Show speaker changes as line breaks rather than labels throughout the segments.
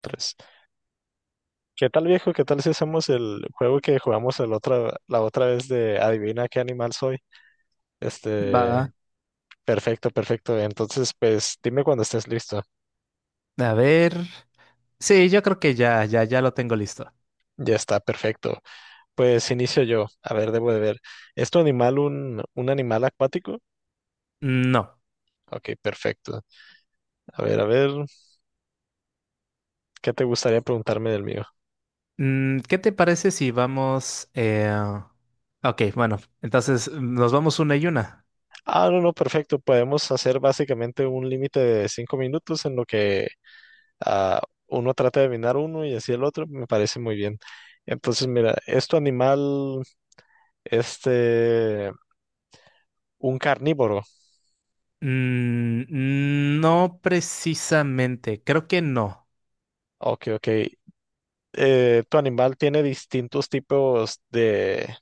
Tres. ¿Qué tal, viejo? ¿Qué tal si hacemos el juego que jugamos la otra vez de adivina qué animal soy?
Va,
Este, perfecto, perfecto. Entonces, pues dime cuando estés listo.
a ver. Sí, yo creo que ya lo tengo listo.
Ya está, perfecto. Pues inicio yo. A ver, debo de ver. ¿Es tu animal un animal acuático?
No.
Ok, perfecto. A ver, ¿qué te gustaría preguntarme del mío?
¿Qué te parece si vamos... Ok, bueno, entonces nos vamos una y una.
Ah, no, no, perfecto. Podemos hacer básicamente un límite de 5 minutos en lo que ah, uno trata de adivinar uno y así el otro, me parece muy bien. Entonces, mira, ¿es tu animal este un carnívoro?
No precisamente, creo que no.
Ok, ok. ¿Tu animal tiene distintos tipos de,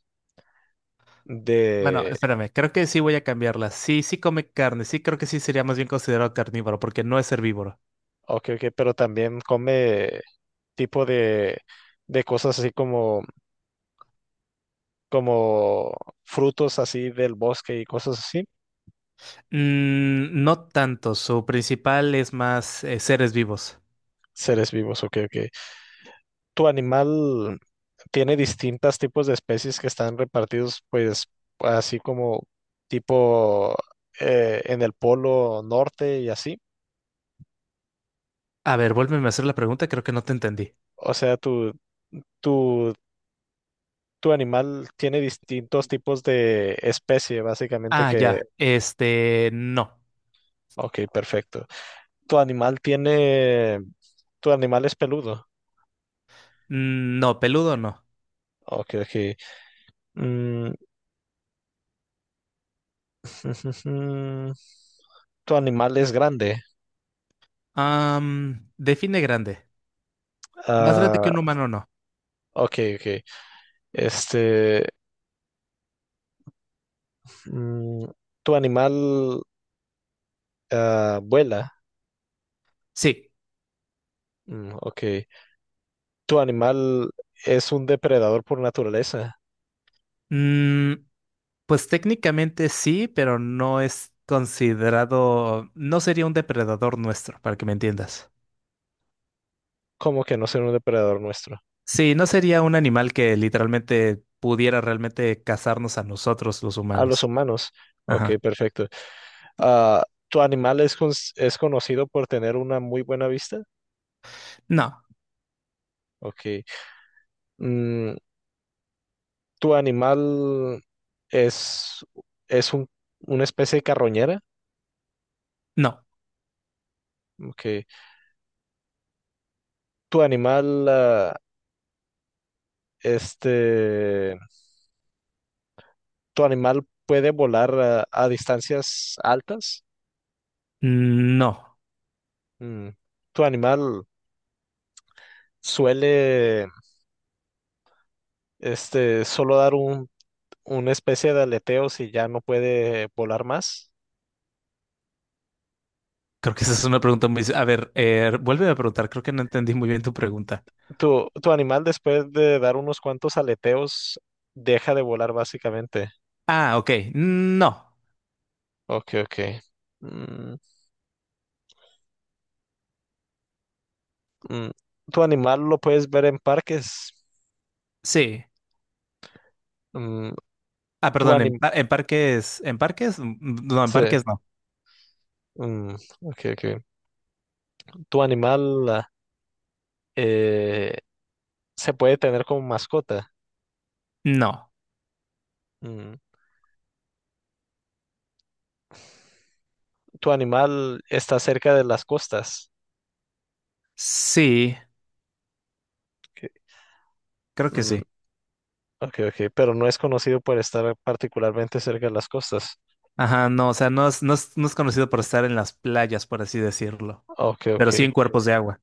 Bueno,
de,
espérame, creo que sí voy a cambiarla. Sí, sí come carne, sí creo que sí sería más bien considerado carnívoro porque no es herbívoro.
ok, ok, pero también come tipo de cosas así como, como frutos así del bosque y cosas así?
No tanto, su principal es más seres vivos.
Seres vivos, ok, ok. Tu animal tiene distintas tipos de especies que están repartidos, pues, así como tipo en el polo norte y así.
A ver, vuélveme a hacer la pregunta, creo que no te entendí.
O sea, tu, tu animal tiene distintos tipos de especie, básicamente
Ah,
que...
ya. Este, no.
Ok, perfecto. Tu animal tiene... Tu animal es peludo.
No, peludo no.
Ok, ok. Mm, tu animal es grande.
Define grande. Más grande que
Ah,
un humano, no.
ok, ok. Este... Mm, ¿Tu animal vuela?
Sí.
Ok. ¿Tu animal es un depredador por naturaleza?
Mm, pues técnicamente sí, pero no es considerado, no sería un depredador nuestro, para que me entiendas.
¿Cómo que no ser un depredador nuestro?
Sí, no sería un animal que literalmente pudiera realmente cazarnos a nosotros los
A los
humanos.
humanos. Ok,
Ajá.
perfecto. ¿Tu animal es, es conocido por tener una muy buena vista?
No,
Ok. Mm, ¿Tu animal es, es una especie de carroñera?
no,
Ok. ¿Tu animal, este... ¿Tu animal puede volar a distancias altas?
no.
Mm, ¿Tu animal suele solo dar una especie de aleteo si ya no puede volar más?
Creo que esa es una pregunta muy... A ver, vuélveme a preguntar, creo que no entendí muy bien tu pregunta.
¿Tu animal después de dar unos cuantos aleteos deja de volar básicamente?
Ah, ok. No.
Ok, ok. Mm, mm, ¿Tu animal lo puedes ver en parques?
Sí.
Mm,
Ah,
¿Tu
perdón,
anim-
en parques. ¿En parques? No, en
sí,
parques no.
mm, ok, ok. ¿Tu animal eh, se puede tener como mascota?
No.
Mm, Tu animal está cerca de las costas.
Sí,
Ok,
creo que
mm,
sí.
ok, ok, pero no es conocido por estar particularmente cerca de las costas.
Ajá, no, o sea, no es conocido por estar en las playas, por así decirlo.
Ok,
Pero
ok,
sí en cuerpos de agua.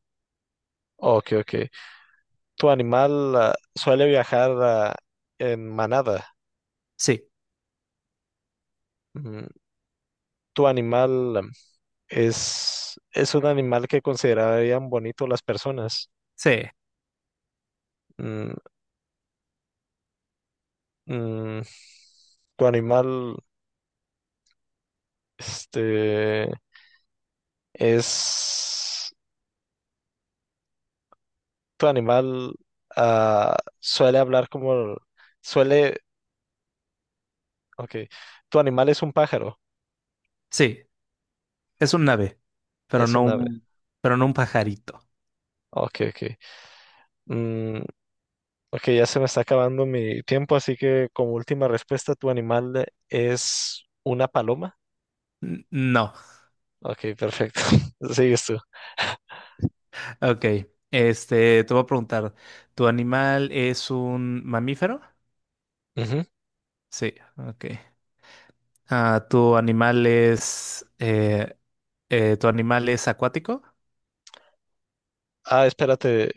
ok, ok. Tu animal suele viajar en manada.
Sí,
Mm, Tu animal es un animal que considerarían bonito las personas.
sí,
Mm, mm, Tu animal, este, es tu animal ah, suele hablar como, suele, ok, tu animal es un pájaro,
sí. Es un ave, pero
es
no
un ave,
un, pero no un pajarito.
ok, ok. Mm, ok, ya se me está acabando mi tiempo, así que como última respuesta, tu animal es una paloma,
No.
ok, perfecto, sigues tú.
Ok. Este, te voy a preguntar, ¿tu animal es un mamífero?
Ujú.
Sí, ok. Ah, ¿tu animal es, eh, ¿Tu animal es acuático?
Ah, espérate,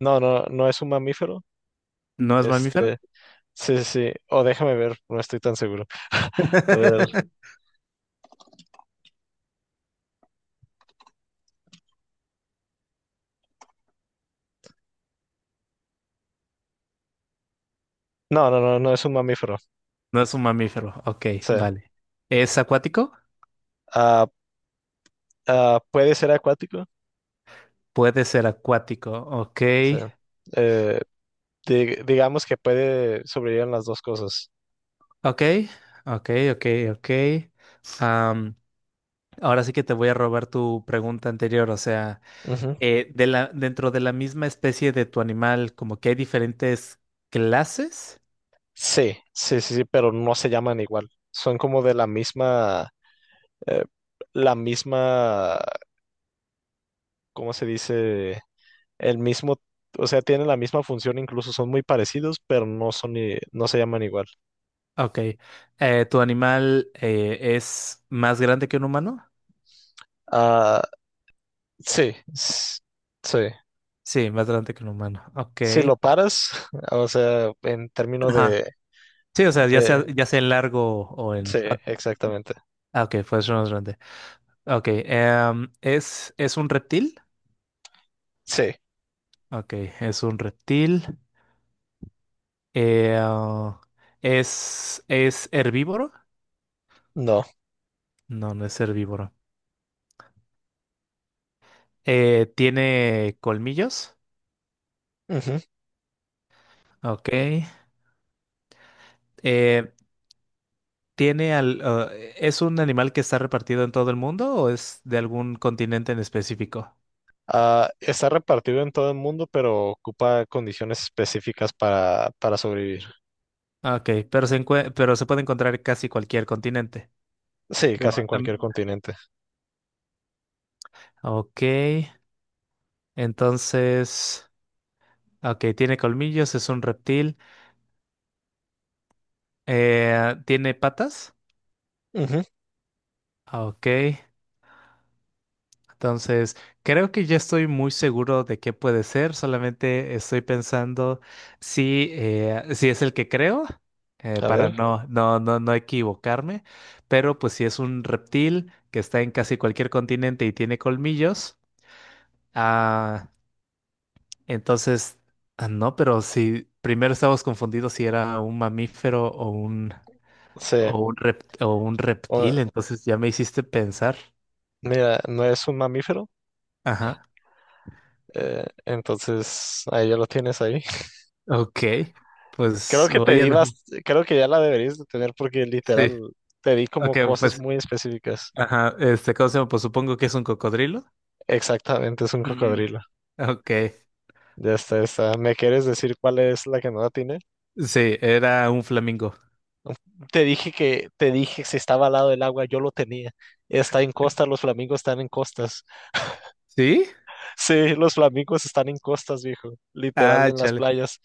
no, no es un mamífero,
¿No es mamífero?
este, sí, sí, sí, o déjame ver, no estoy tan seguro. A ver, no, no es un mamífero,
No es un mamífero. Ok,
sí.
vale. ¿Es acuático?
Ah, ah, ¿puede ser acuático?
Puede ser acuático. Ok,
Sí. Eh, digamos que puede sobrevivir en las dos cosas.
ok, ok, ok, ok. Am, ahora sí que te voy a robar tu pregunta anterior. O sea,
Ujú.
dentro de la misma especie de tu animal, como que hay diferentes clases.
Sí, sí, pero no se llaman igual. Son como de la misma, eh, la misma, ¿cómo se dice? El mismo, o sea, tienen la misma función, incluso son muy parecidos, pero no son, no se llaman igual.
Ok. ¿Tu animal es más grande que un humano?
Ah, sí, sí.
Sí, más grande que un humano. Ok.
Si lo paras, o sea, en términos de,
Sí, o sea,
de,
ya sea en largo o en...
sí,
Ah,
exactamente.
ah, ok, pues más grande. Ok, es un reptil?
Sí,
Ok, es un reptil. Eh, ah, es herbívoro?
no.
No, no es herbívoro. ¿Tiene colmillos?
Ujú.
Ok. Eh, ¿tiene al, ah, ¿Es un animal que está repartido en todo el mundo o es de algún continente en específico?
Ah, está repartido en todo el mundo, pero ocupa condiciones específicas para sobrevivir.
Ok, pero pero se puede encontrar en casi cualquier continente.
Sí,
Digo,
casi en cualquier continente.
Ok. Entonces, ok, tiene colmillos, es un reptil. ¿Tiene patas?
Ujú,
Ok, entonces creo que ya estoy muy seguro de qué puede ser, solamente estoy pensando si, si es el que creo,
a
para
ver,
no equivocarme, pero pues si es un reptil que está en casi cualquier continente y tiene colmillos, ah, entonces, no, pero si primero estábamos confundidos si era un mamífero o un...
sí.
O un o un
O-
reptil, entonces ya me hiciste pensar.
mira, no es un mamífero,
Ajá.
entonces ahí ya lo tienes ahí.
Ok.
Creo
Pues
que te
voy a
di
decir.
creo que ya la deberías de tener porque
Sí.
literal te di como
Ok,
cosas
pues.
muy específicas.
Ajá. Este, ¿cómo se llama? Pues supongo que es un cocodrilo.
Exactamente, es un
Ujú.
cocodrilo.
Ok.
Ya está, ya está. ¿Me quieres decir cuál es la que no la tienes?
Sí, era un flamingo.
Te dije que, te dije si estaba al lado del agua, yo lo tenía. Está en costa, los flamingos están en costas.
¿Sí?
Sí, los flamingos están en costas, viejo. Literal
Ah,
en las
chale.
playas.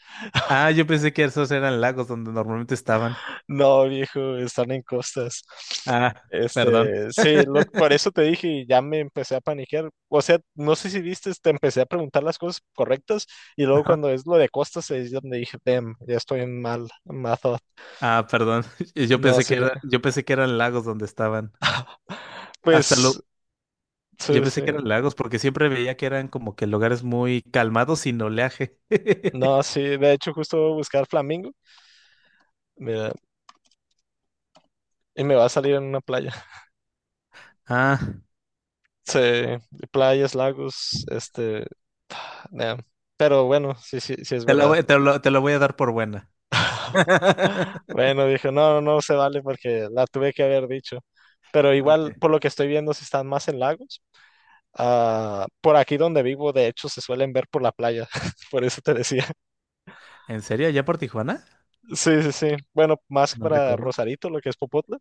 Ah, yo pensé que esos eran lagos donde normalmente estaban.
No, viejo, están en costas.
Ah, perdón.
Este, sí, por eso te dije y ya me empecé a paniquear. O sea, no sé si viste, te empecé a preguntar las cosas correctas y luego
Ajá.
cuando es lo de costas es donde dije, damn, ya estoy en mal, mal thought".
Ah, perdón.
No, sí.
Yo pensé que eran lagos donde estaban. Hasta lo,
Pues,
Yo
sí, sí.
pensé que eran lagos porque siempre veía que eran como que lugares muy calmados sin oleaje.
No, sí. De hecho, justo voy a buscar flamingos. Mira, y me va a salir en una playa.
Ah,
Sí, playas, lagos, nah. Pero bueno, sí, sí, sí es verdad.
te lo voy a dar por buena.
Bueno, dije, no, no se vale porque la tuve que haber dicho. Pero
Ok.
igual, por lo que estoy viendo, si están más en lagos. Ah, por aquí donde vivo, de hecho, se suelen ver por la playa. Por eso te decía.
¿En serio? ¿Ya por Tijuana?
Sí, sí, sí. Bueno, más
No
para
recuerdo.
Rosarito, lo que es Popotla.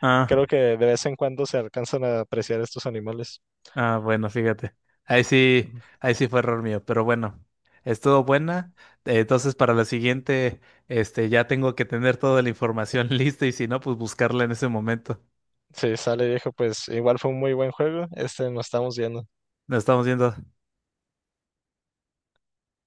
Ah,
Creo que de vez en cuando se alcanzan a apreciar estos animales.
bueno, fíjate. Ahí sí, ahí sí fue error mío, pero bueno, estuvo buena. Entonces, para la siguiente, este, ya tengo que tener toda la información lista y si no, pues buscarla en ese momento.
Sí, sale viejo, pues igual fue un muy buen juego. Nos estamos viendo.
Nos estamos viendo.